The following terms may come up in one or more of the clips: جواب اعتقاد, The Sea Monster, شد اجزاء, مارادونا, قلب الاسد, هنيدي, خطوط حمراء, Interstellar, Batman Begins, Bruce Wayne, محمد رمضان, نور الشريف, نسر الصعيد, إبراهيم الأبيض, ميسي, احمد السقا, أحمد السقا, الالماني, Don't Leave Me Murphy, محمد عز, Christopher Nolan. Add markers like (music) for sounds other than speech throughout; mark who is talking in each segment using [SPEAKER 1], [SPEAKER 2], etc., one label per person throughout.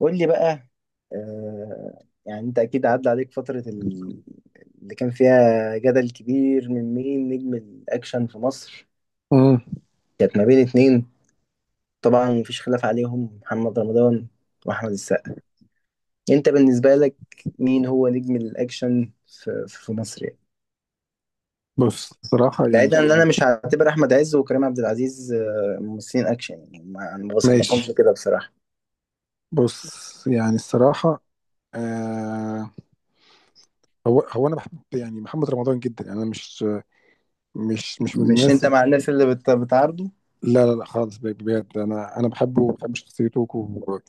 [SPEAKER 1] قول لي بقى. آه يعني انت اكيد عدى عليك فترة اللي كان فيها جدل كبير، من مين نجم الاكشن في مصر؟
[SPEAKER 2] امم
[SPEAKER 1] كانت ما بين اتنين، طبعا مفيش خلاف عليهم، محمد رمضان واحمد السقا. انت بالنسبة لك، مين هو نجم الاكشن في مصر يعني؟
[SPEAKER 2] بص، صراحة
[SPEAKER 1] بعيدا
[SPEAKER 2] يعني.
[SPEAKER 1] ان انا مش هعتبر احمد عز وكريم عبد العزيز ممثلين اكشن، يعني ما انا ما بصنفهمش
[SPEAKER 2] ماشي.
[SPEAKER 1] كده بصراحة.
[SPEAKER 2] بص يعني الصراحة. آه هو أنا بحب يعني محمد رمضان جدا. يعني أنا مش من
[SPEAKER 1] مش
[SPEAKER 2] الناس.
[SPEAKER 1] انت مع الناس اللي بتعارضه؟
[SPEAKER 2] لا لا لا خالص، بجد. أنا بحبه وبحب شخصيته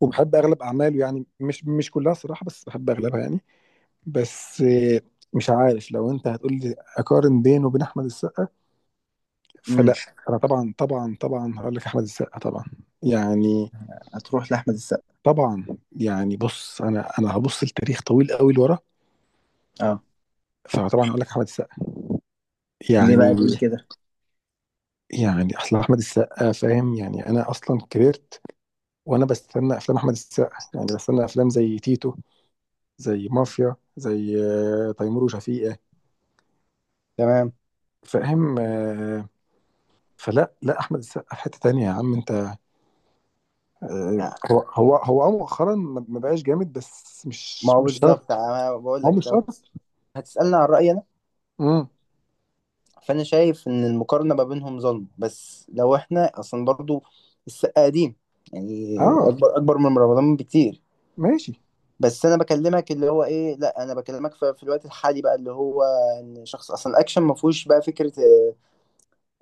[SPEAKER 2] وبحب أغلب أعماله. يعني مش كلها صراحة، بس بحب أغلبها يعني. بس مش عارف، لو أنت هتقول لي أقارن بينه وبين أحمد السقا،
[SPEAKER 1] امم
[SPEAKER 2] فلا، أنا طبعا طبعا طبعا هقول لك أحمد السقا طبعا. يعني
[SPEAKER 1] هتروح لاحمد السقا؟
[SPEAKER 2] طبعا. يعني بص، انا هبص لتاريخ طويل قوي لورا،
[SPEAKER 1] اه
[SPEAKER 2] فطبعا اقول لك احمد السقا.
[SPEAKER 1] ليه
[SPEAKER 2] يعني
[SPEAKER 1] بقى تقول كده؟
[SPEAKER 2] اصل احمد السقا فاهم. يعني انا اصلا كبرت وانا بستنى افلام احمد السقا، يعني بستنى افلام زي تيتو، زي مافيا، زي تيمور وشفيقة.
[SPEAKER 1] تمام.
[SPEAKER 2] فاهم. فلا لا، احمد السقا في حتة تانية يا عم انت. هو مؤخرا ما بقاش جامد، بس
[SPEAKER 1] ما
[SPEAKER 2] مش
[SPEAKER 1] هو
[SPEAKER 2] مش
[SPEAKER 1] بالظبط،
[SPEAKER 2] شرط.
[SPEAKER 1] انا بقول
[SPEAKER 2] ما هو
[SPEAKER 1] لك
[SPEAKER 2] مش
[SPEAKER 1] لو
[SPEAKER 2] شرط.
[SPEAKER 1] هتسألني عن رأيي انا،
[SPEAKER 2] امم.
[SPEAKER 1] فانا شايف ان المقارنة ما بينهم ظلم، بس لو احنا اصلا برضو السقا قديم، يعني
[SPEAKER 2] اه.
[SPEAKER 1] اكبر اكبر من رمضان بكتير.
[SPEAKER 2] ماشي.
[SPEAKER 1] بس انا بكلمك اللي هو ايه، لا انا بكلمك في الوقت الحالي بقى، اللي هو ان شخص اصلا الاكشن ما فيهوش بقى فكرة، آه،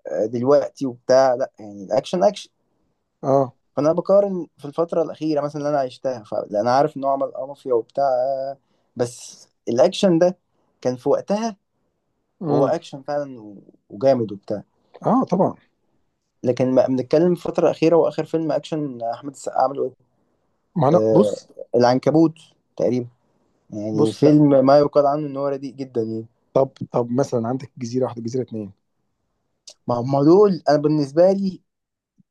[SPEAKER 1] آه، دلوقتي وبتاع، لا يعني الاكشن اكشن.
[SPEAKER 2] اه.
[SPEAKER 1] فانا بقارن في الفترة الأخيرة مثلا اللي انا عشتها، فانا عارف ان هو عمل مافيا وبتاع، بس الاكشن ده كان في وقتها، هو
[SPEAKER 2] امم.
[SPEAKER 1] اكشن فعلا وجامد وبتاع.
[SPEAKER 2] اه طبعا.
[SPEAKER 1] لكن ما بنتكلم في الفتره الاخيره، واخر فيلم اكشن احمد السقا عمله ايه؟
[SPEAKER 2] ما انا
[SPEAKER 1] آه
[SPEAKER 2] بص.
[SPEAKER 1] العنكبوت تقريبا، يعني
[SPEAKER 2] بص لا.
[SPEAKER 1] فيلم ما يقال عنه ان هو رديء جدا يعني.
[SPEAKER 2] طب مثلا عندك جزيره واحده، جزيره اتنين.
[SPEAKER 1] ما هم دول انا بالنسبه لي،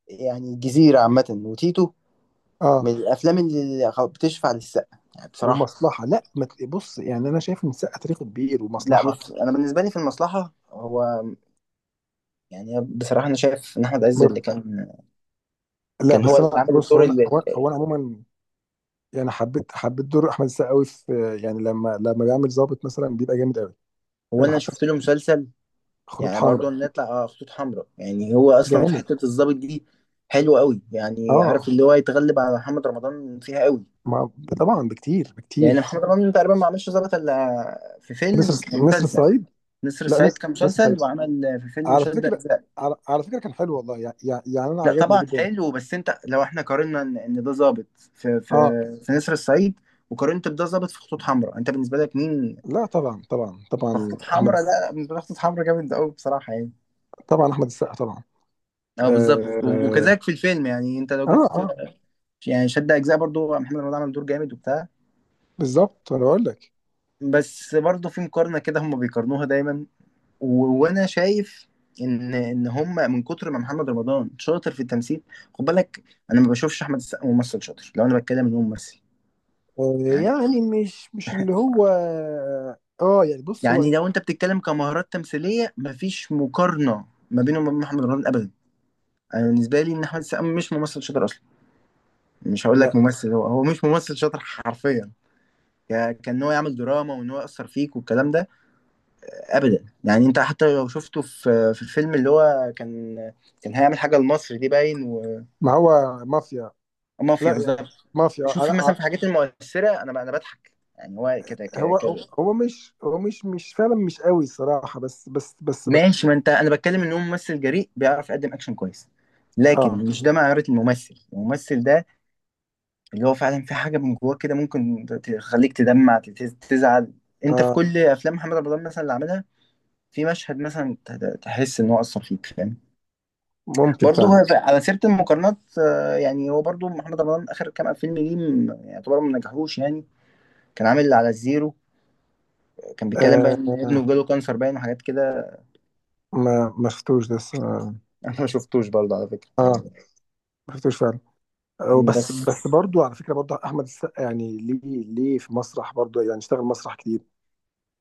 [SPEAKER 1] يعني الجزيره عامه وتيتو، من
[SPEAKER 2] اه.
[SPEAKER 1] الافلام اللي بتشفع للسقا يعني بصراحه.
[SPEAKER 2] ومصلحه لا، ما تل- بص يعني، انا شايف ان السقه تاريخه كبير،
[SPEAKER 1] لا
[SPEAKER 2] ومصلحه.
[SPEAKER 1] بص، انا بالنسبه لي في المصلحه هو، يعني بصراحه انا شايف ان احمد عز اللي
[SPEAKER 2] بص-
[SPEAKER 1] كان،
[SPEAKER 2] لا
[SPEAKER 1] كان هو
[SPEAKER 2] بس، انا
[SPEAKER 1] اللي عامل
[SPEAKER 2] بص
[SPEAKER 1] الدور
[SPEAKER 2] هو انا،
[SPEAKER 1] اللي
[SPEAKER 2] هو انا عموما يعني حبيت دور احمد السقا قوي في. يعني لما بيعمل ظابط مثلا، بيبقى جامد قوي.
[SPEAKER 1] هو.
[SPEAKER 2] يعني
[SPEAKER 1] انا
[SPEAKER 2] حتى.
[SPEAKER 1] شفت له مسلسل،
[SPEAKER 2] خطوط
[SPEAKER 1] يعني برضو
[SPEAKER 2] حمراء
[SPEAKER 1] نطلع على خطوط حمراء، يعني هو اصلا في
[SPEAKER 2] جامد.
[SPEAKER 1] حته الضابط دي حلو قوي يعني، عارف
[SPEAKER 2] اه.
[SPEAKER 1] اللي هو يتغلب على محمد رمضان فيها قوي.
[SPEAKER 2] ما. طبعا بكتير
[SPEAKER 1] لان
[SPEAKER 2] بكتير.
[SPEAKER 1] محمد رمضان تقريبا ما عملش ضابط الا في
[SPEAKER 2] نسر
[SPEAKER 1] فيلم
[SPEAKER 2] نسر
[SPEAKER 1] ومسلسل،
[SPEAKER 2] الصعيد.
[SPEAKER 1] نسر
[SPEAKER 2] لا،
[SPEAKER 1] الصعيد
[SPEAKER 2] نسر
[SPEAKER 1] كان
[SPEAKER 2] نسر الصعيد،
[SPEAKER 1] مسلسل، وعمل في فيلم
[SPEAKER 2] على
[SPEAKER 1] شد
[SPEAKER 2] فكره.
[SPEAKER 1] اجزاء.
[SPEAKER 2] على فكره، كان حلو والله. يعني انا
[SPEAKER 1] لا
[SPEAKER 2] عجبني
[SPEAKER 1] طبعا
[SPEAKER 2] جدا.
[SPEAKER 1] حلو، بس انت لو احنا قارنا إن ده ضابط في في
[SPEAKER 2] اه.
[SPEAKER 1] في نسر الصعيد، وقارنت بده ضابط في خطوط حمراء، انت بالنسبه لك مين؟
[SPEAKER 2] لا طبعا طبعا
[SPEAKER 1] في
[SPEAKER 2] طبعا
[SPEAKER 1] خطوط
[SPEAKER 2] احمد.
[SPEAKER 1] حمراء؟ لا بالنسبه لك خطوط حمراء جامد قوي بصراحه يعني.
[SPEAKER 2] طبعا احمد السقا طبعا.
[SPEAKER 1] اه بالظبط،
[SPEAKER 2] اه
[SPEAKER 1] وكذلك في الفيلم يعني، انت لو
[SPEAKER 2] اه,
[SPEAKER 1] جيت،
[SPEAKER 2] آه
[SPEAKER 1] يعني شد اجزاء برضو محمد رمضان عمل دور جامد وبتاع.
[SPEAKER 2] بالظبط، انا بقول لك.
[SPEAKER 1] بس برضو في مقارنه كده هم بيقارنوها دايما، وانا شايف ان هم من كتر ما محمد رمضان شاطر في التمثيل، خد بالك، انا ما بشوفش احمد السقا ممثل شاطر لو انا بتكلم ان هو ممثل
[SPEAKER 2] آه،
[SPEAKER 1] يعني.
[SPEAKER 2] يعني مش اللي هو. اه يعني بص هو.
[SPEAKER 1] يعني لو انت بتتكلم كمهارات تمثيليه، مفيش مقارنه ما بينه وما بين محمد رمضان ابدا. انا بالنسبه لي، ان احمد السقا مش ممثل شاطر اصلا، مش هقول لك
[SPEAKER 2] لا،
[SPEAKER 1] ممثل، هو مش ممثل شاطر حرفيا. كان هو يعمل دراما وان هو يأثر فيك والكلام ده ابدا، يعني انت حتى لو شفته في الفيلم اللي هو كان، كان هيعمل حاجه لمصر دي باين،
[SPEAKER 2] ما هو مافيا.
[SPEAKER 1] ومافيا
[SPEAKER 2] لا يعني
[SPEAKER 1] بالظبط.
[SPEAKER 2] مافيا.
[SPEAKER 1] شوف
[SPEAKER 2] لا.
[SPEAKER 1] مثلا في الحاجات المؤثره انا بضحك، يعني هو كده
[SPEAKER 2] هو
[SPEAKER 1] كده.
[SPEAKER 2] هو مش هو مش فعلا، مش قوي الصراحة. بس بس بس.
[SPEAKER 1] ماشي، ما انت انا بتكلم ان هو ممثل جريء بيعرف يقدم اكشن كويس، لكن
[SPEAKER 2] اه
[SPEAKER 1] مش ده معيار الممثل، الممثل ده اللي هو فعلا في حاجه من جواه كده ممكن تخليك تدمع تزعل. انت في
[SPEAKER 2] اه.
[SPEAKER 1] كل افلام محمد رمضان مثلا اللي عملها، في مشهد مثلا تحس ان هو اثر فيك فاهم.
[SPEAKER 2] ممكن
[SPEAKER 1] برضه
[SPEAKER 2] فعلا.
[SPEAKER 1] هو على سيرة المقارنات، يعني هو برضه محمد رمضان آخر كام فيلم ليه يعتبر ما نجحوش يعني. كان عامل اللي على الزيرو، كان بيتكلم بقى
[SPEAKER 2] آه
[SPEAKER 1] إن ابنه جاله كانسر باين، وحاجات كده.
[SPEAKER 2] ما شفتوش ده لسه.
[SPEAKER 1] (laughs) أنا ما شفتوش برضه على فكرة
[SPEAKER 2] آه،
[SPEAKER 1] يعني.
[SPEAKER 2] ما شفتوش فعلا. بس
[SPEAKER 1] بس
[SPEAKER 2] بس برضو على فكرة، برضو احمد السقا يعني ليه في مسرح برضو، يعني اشتغل مسرح كتير.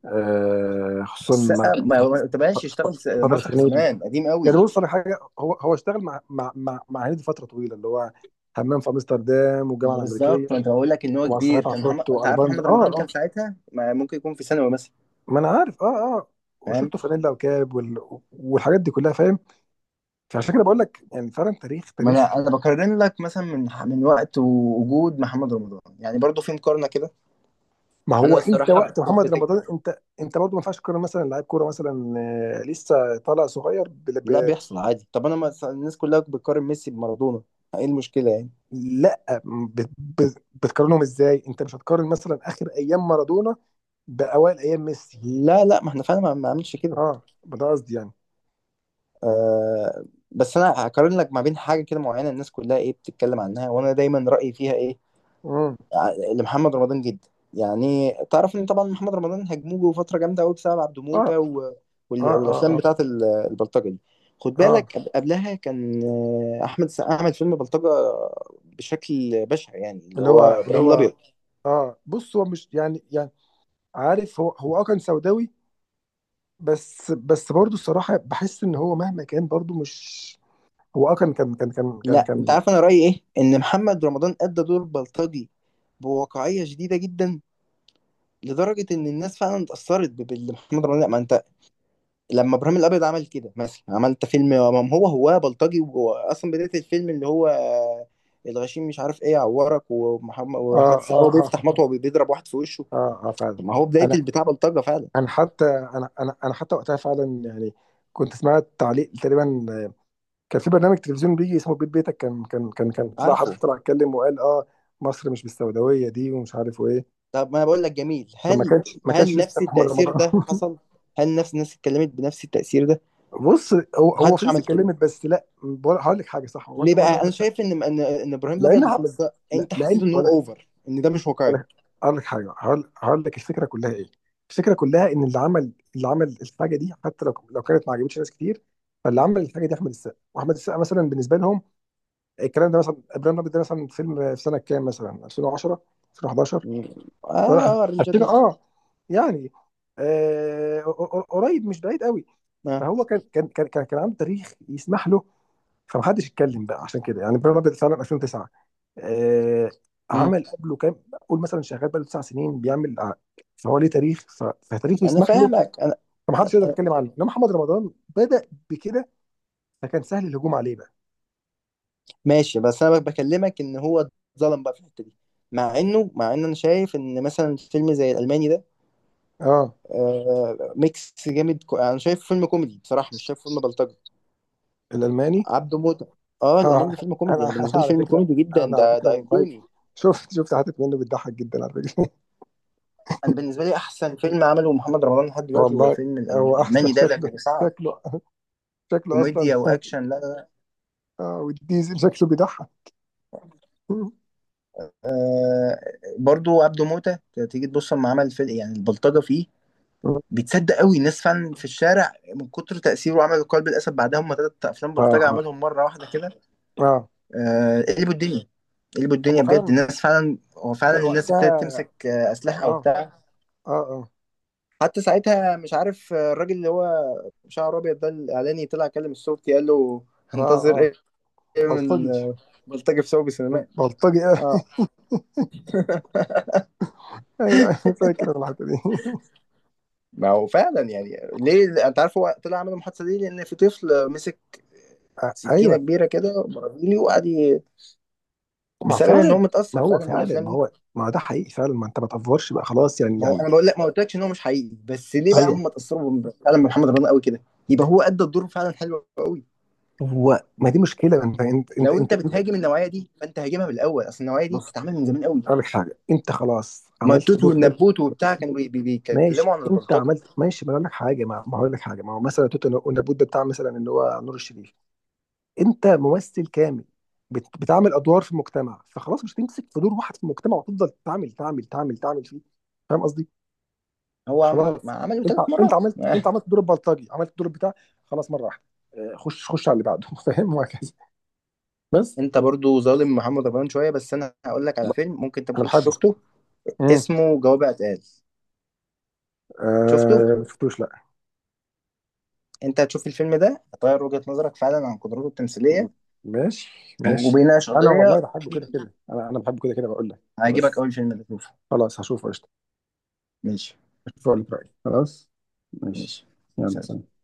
[SPEAKER 2] خصوصا مع
[SPEAKER 1] السقا، ما هو ما تبقاش يشتغل
[SPEAKER 2] فتره
[SPEAKER 1] مسرح
[SPEAKER 2] هنيدي.
[SPEAKER 1] زمان قديم
[SPEAKER 2] يعني
[SPEAKER 1] قوي.
[SPEAKER 2] بص، انا حاجه هو اشتغل مع هنيدي فتره طويله اللي هو حمام في امستردام
[SPEAKER 1] ما
[SPEAKER 2] والجامعه
[SPEAKER 1] هو
[SPEAKER 2] الامريكيه
[SPEAKER 1] بالظبط، ما أنت بقول لك إن هو كبير،
[SPEAKER 2] ومسرحيات
[SPEAKER 1] كان محمد،
[SPEAKER 2] عفروت
[SPEAKER 1] أنت عارف
[SPEAKER 2] والباند.
[SPEAKER 1] محمد رمضان
[SPEAKER 2] اه
[SPEAKER 1] كان ساعتها ما ممكن يكون في ثانوي مثلا.
[SPEAKER 2] ما انا عارف. اه
[SPEAKER 1] فاهم.
[SPEAKER 2] وشورت فانيلا وكاب والحاجات دي كلها. فاهم. فعشان كده بقول لك يعني فعلا تاريخ
[SPEAKER 1] ما
[SPEAKER 2] تاريخ.
[SPEAKER 1] أنا بقارن لك مثلا من وقت ووجود محمد رمضان، يعني برضه في مقارنة كده.
[SPEAKER 2] ما
[SPEAKER 1] انا
[SPEAKER 2] هو انت
[SPEAKER 1] بصراحه
[SPEAKER 2] وقت محمد رمضان، انت برضه ما ينفعش تقارن مثلا لعيب كوره مثلا لسه طالع صغير
[SPEAKER 1] لا بيحصل عادي، طب انا، ما الناس كلها بتقارن ميسي بمارادونا، ايه المشكله يعني؟
[SPEAKER 2] لا، بتقارنهم ازاي، انت مش هتقارن مثلا اخر ايام مارادونا بأوائل أيام ميسي.
[SPEAKER 1] لا لا، ما احنا فعلا ما عملش كده.
[SPEAKER 2] اه، ما ده قصدي يعني.
[SPEAKER 1] آه. بس انا هقارن لك ما بين حاجه كده معينه، الناس كلها ايه بتتكلم عنها، وانا دايما رايي فيها ايه،
[SPEAKER 2] امم.
[SPEAKER 1] لمحمد رمضان جدا. يعني تعرف، ان طبعا محمد رمضان هجموه فتره جامده قوي بسبب عبده
[SPEAKER 2] اه
[SPEAKER 1] موته،
[SPEAKER 2] اه اه
[SPEAKER 1] والافلام
[SPEAKER 2] اه
[SPEAKER 1] بتاعت البلطجه دي. خد
[SPEAKER 2] اه.
[SPEAKER 1] بالك قبلها كان، احمد السقا عمل فيلم بلطجه بشكل بشع يعني، اللي
[SPEAKER 2] اللي
[SPEAKER 1] هو
[SPEAKER 2] هو اللي
[SPEAKER 1] ابراهيم
[SPEAKER 2] هو
[SPEAKER 1] الابيض.
[SPEAKER 2] اه بص، هو مش يعني. عارف، هو كان سوداوي. بس بس برضه الصراحة بحس إن هو مهما كان برضه مش. هو كان كان كان كان كان
[SPEAKER 1] لا انت
[SPEAKER 2] كان
[SPEAKER 1] عارف انا رايي ايه، ان محمد رمضان ادى دور بلطجي بواقعيه شديده جدا، لدرجه ان الناس فعلا اتاثرت باللي محمد رمضان، لا، ما انت. لما ابراهيم الابيض عمل كده مثلا، عملت فيلم، ما هو بلطجي، وهو اصلا بدايه الفيلم اللي هو، الغشيم مش عارف ايه يعورك، ومحمد
[SPEAKER 2] اه
[SPEAKER 1] واحمد السقا
[SPEAKER 2] اه
[SPEAKER 1] هو
[SPEAKER 2] اه
[SPEAKER 1] بيفتح مطوه وبيضرب واحد في وشه.
[SPEAKER 2] اه اه فعلا.
[SPEAKER 1] طب ما هو بدايه
[SPEAKER 2] أنا
[SPEAKER 1] البتاع بلطجه فعلا.
[SPEAKER 2] أنا حتى وقتها فعلا يعني كنت سمعت تعليق تقريبا. كان في برنامج تلفزيون بيجي اسمه بيت بيتك، كان طلع حد،
[SPEAKER 1] عارفه.
[SPEAKER 2] طلع اتكلم وقال مصر مش بالسوداويه دي، ومش عارف وايه.
[SPEAKER 1] طب ما انا بقول لك، جميل،
[SPEAKER 2] فما
[SPEAKER 1] هل
[SPEAKER 2] كانش ما
[SPEAKER 1] هل
[SPEAKER 2] كانش لسه
[SPEAKER 1] نفس
[SPEAKER 2] محمد
[SPEAKER 1] التاثير
[SPEAKER 2] رمضان
[SPEAKER 1] ده
[SPEAKER 2] (laughs)
[SPEAKER 1] حصل؟ هل نفس الناس اتكلمت بنفس التاثير ده؟
[SPEAKER 2] بص، هو
[SPEAKER 1] محدش
[SPEAKER 2] فلوس
[SPEAKER 1] عمل كده،
[SPEAKER 2] اتكلمت بس. لا، هقول لك حاجه. صح، هو انت،
[SPEAKER 1] ليه
[SPEAKER 2] هو انت
[SPEAKER 1] بقى؟ انا
[SPEAKER 2] عندك حق.
[SPEAKER 1] شايف ان ان إن ابراهيم
[SPEAKER 2] لان
[SPEAKER 1] الابيض
[SPEAKER 2] احمد
[SPEAKER 1] مقصر،
[SPEAKER 2] لا،
[SPEAKER 1] انت
[SPEAKER 2] لان
[SPEAKER 1] حسيت ان هو اوفر، ان ده مش
[SPEAKER 2] هقول
[SPEAKER 1] واقعي؟
[SPEAKER 2] لك هقول لك حاجه. هقول لك الفكره كلها ايه. الفكره كلها ان اللي عمل الحاجه دي، حتى لو كانت ما عجبتش ناس كتير. فاللي عمل الحاجه دي احمد السقا، واحمد السقا مثلا بالنسبه لهم الكلام ده. مثلا ابراهيم الابيض، ده مثلا فيلم في سنه كام، مثلا 2010، 2011،
[SPEAKER 1] م-
[SPEAKER 2] لا
[SPEAKER 1] اه الرنجه
[SPEAKER 2] 2000.
[SPEAKER 1] دي؟
[SPEAKER 2] اه يعني آه، قريب، مش بعيد قوي.
[SPEAKER 1] آه.
[SPEAKER 2] فهو كان عنده تاريخ يسمح له، فمحدش اتكلم بقى عشان كده. يعني ابراهيم الابيض فعلا 2009. آه،
[SPEAKER 1] م.
[SPEAKER 2] عمل قبله كام، قول مثلا شغال بقاله 9 سنين بيعمل فهو ليه تاريخ، فتاريخه
[SPEAKER 1] انا
[SPEAKER 2] يسمح له،
[SPEAKER 1] فاهمك انا.
[SPEAKER 2] فمحدش يقدر
[SPEAKER 1] أنا-
[SPEAKER 2] يتكلم عنه. انما محمد رمضان بدأ بكده، فكان سهل الهجوم عليه بقى.
[SPEAKER 1] ماشي، بس انا بكلمك ان هو اتظلم بقى في الحته دي، مع ان انا شايف ان مثلا فيلم زي الالماني ده،
[SPEAKER 2] اه،
[SPEAKER 1] ميكس جامد، انا شايف فيلم كوميدي بصراحه، مش شايف فيلم بلطجي،
[SPEAKER 2] الالماني.
[SPEAKER 1] عبده موته. اه الالماني
[SPEAKER 2] اه،
[SPEAKER 1] فيلم كوميدي،
[SPEAKER 2] انا
[SPEAKER 1] انا
[SPEAKER 2] (laughs) انا
[SPEAKER 1] بالنسبه لي
[SPEAKER 2] على
[SPEAKER 1] فيلم
[SPEAKER 2] فكره.
[SPEAKER 1] كوميدي جدا،
[SPEAKER 2] انا على
[SPEAKER 1] ده
[SPEAKER 2] فكره
[SPEAKER 1] ده
[SPEAKER 2] والله.
[SPEAKER 1] ايقوني.
[SPEAKER 2] شفت حتت منه بتضحك جدا على فكره.
[SPEAKER 1] انا بالنسبه لي احسن فيلم عمله محمد رمضان لحد
[SPEAKER 2] (laughs)
[SPEAKER 1] دلوقتي هو
[SPEAKER 2] والله.
[SPEAKER 1] فيلم
[SPEAKER 2] هو اصلا
[SPEAKER 1] الالماني ده، كان صعب،
[SPEAKER 2] شكله شكله اصلا
[SPEAKER 1] كوميديا
[SPEAKER 2] (laughs)
[SPEAKER 1] واكشن. لا لا لا،
[SPEAKER 2] اه، والديزل شكله بيضحك. (laughs)
[SPEAKER 1] آه برضو عبده موتة، تيجي تبص لما عمل فيلم يعني البلطجه فيه
[SPEAKER 2] اه
[SPEAKER 1] بيتصدق قوي، الناس فعلا في الشارع من كتر تاثيره، عمل قلب الاسد بعدها، هم ثلاث افلام بلطجه
[SPEAKER 2] اه
[SPEAKER 1] عملهم مره واحده كده.
[SPEAKER 2] اه.
[SPEAKER 1] قلبوا الدنيا، قلبوا
[SPEAKER 2] هم
[SPEAKER 1] الدنيا بجد،
[SPEAKER 2] فعلا
[SPEAKER 1] الناس فعلا، هو فعلا
[SPEAKER 2] كان
[SPEAKER 1] الناس
[SPEAKER 2] وقتها.
[SPEAKER 1] ابتدت تمسك اسلحه
[SPEAKER 2] اه
[SPEAKER 1] وبتاع.
[SPEAKER 2] اه اه
[SPEAKER 1] حتى ساعتها مش عارف، الراجل اللي هو شعره ابيض ده الاعلاني، طلع كلم الصوت قال له،
[SPEAKER 2] اه
[SPEAKER 1] هنتظر
[SPEAKER 2] اه.
[SPEAKER 1] ايه من
[SPEAKER 2] بلطجي.
[SPEAKER 1] بلطجه في سوق سينمائي؟
[SPEAKER 2] بلطجي. (laughs) آه. ايوه، ايوه، فاكر أنا الحته دي. (laughs)
[SPEAKER 1] ما هو فعلا يعني، ليه انت عارف، هو طلع عمل المحادثه دي لان في طفل مسك سكينه
[SPEAKER 2] ايوه.
[SPEAKER 1] كبيره كده برازيلي وقعد
[SPEAKER 2] ما
[SPEAKER 1] بسبب ان هو
[SPEAKER 2] فعلا، ما
[SPEAKER 1] متاثر
[SPEAKER 2] هو
[SPEAKER 1] فعلا
[SPEAKER 2] فعلا.
[SPEAKER 1] بالافلام
[SPEAKER 2] ما
[SPEAKER 1] دي.
[SPEAKER 2] هو ما ده حقيقي فعلا. ما انت ما تفورش بقى، خلاص يعني
[SPEAKER 1] ما هو انا بقول لك ما قلتلكش ان هو مش حقيقي، بس ليه بقى
[SPEAKER 2] ايوه.
[SPEAKER 1] هم اتاثروا فعلا بمحمد رمضان قوي كده؟ يبقى هو ادى الدور فعلا حلو قوي.
[SPEAKER 2] هو ما دي مشكله، انت انت انت
[SPEAKER 1] لو انت
[SPEAKER 2] انت, انت
[SPEAKER 1] بتهاجم النوعيه دي فانت هاجمها من الاول، اصل النوعيه دي
[SPEAKER 2] بص،
[SPEAKER 1] بتتعمل من زمان قوي،
[SPEAKER 2] اقول لك حاجه، انت خلاص عملت
[SPEAKER 1] ماتوت
[SPEAKER 2] دور حلو.
[SPEAKER 1] والنبوت وبتاع كانوا بيتكلموا
[SPEAKER 2] ماشي،
[SPEAKER 1] عن
[SPEAKER 2] انت
[SPEAKER 1] البلطجه.
[SPEAKER 2] عملت. ماشي، ما أنا اقول لك حاجه. ما هقول لك حاجه. ما هو مثلا توت والنبوت، ده بتاع مثلا اللي هو نور الشريف. انت ممثل كامل، بتعمل ادوار في المجتمع، فخلاص مش هتمسك في دور واحد في المجتمع وتفضل تعمل تعمل تعمل تعمل فيه. فاهم قصدي.
[SPEAKER 1] هو ما
[SPEAKER 2] خلاص،
[SPEAKER 1] عمله
[SPEAKER 2] انت
[SPEAKER 1] ثلاث
[SPEAKER 2] انت
[SPEAKER 1] مرات
[SPEAKER 2] عملت انت
[SPEAKER 1] (laughs)
[SPEAKER 2] عملت دور البلطجي، عملت دور بتاع. خلاص، مره واحده. خش خش على اللي بعده. (laughs) فاهم، وهكذا. بس
[SPEAKER 1] انت برضو ظالم محمد رمضان شويه، بس انا هقول لك على فيلم ممكن انت ما
[SPEAKER 2] انا
[SPEAKER 1] كنتش
[SPEAKER 2] بحبه.
[SPEAKER 1] شفته،
[SPEAKER 2] امم.
[SPEAKER 1] اسمه جواب اعتقاد، شفته؟
[SPEAKER 2] شفتوش لا.
[SPEAKER 1] انت هتشوف الفيلم ده هتغير وجهة نظرك فعلا عن قدراته التمثيليه،
[SPEAKER 2] ماشي ماشي.
[SPEAKER 1] وبيناقش
[SPEAKER 2] انا
[SPEAKER 1] قضيه،
[SPEAKER 2] والله بحبه كده كده. انا بحبه كده كده بقول لك.
[SPEAKER 1] هيعجبك،
[SPEAKER 2] بس
[SPEAKER 1] اول فيلم ده شوفه.
[SPEAKER 2] خلاص، هشوفه قشطه.
[SPEAKER 1] ماشي
[SPEAKER 2] هشوفه اقول لك رايي. خلاص، ماشي.
[SPEAKER 1] ماشي.
[SPEAKER 2] يلا
[SPEAKER 1] سلام.
[SPEAKER 2] سلام.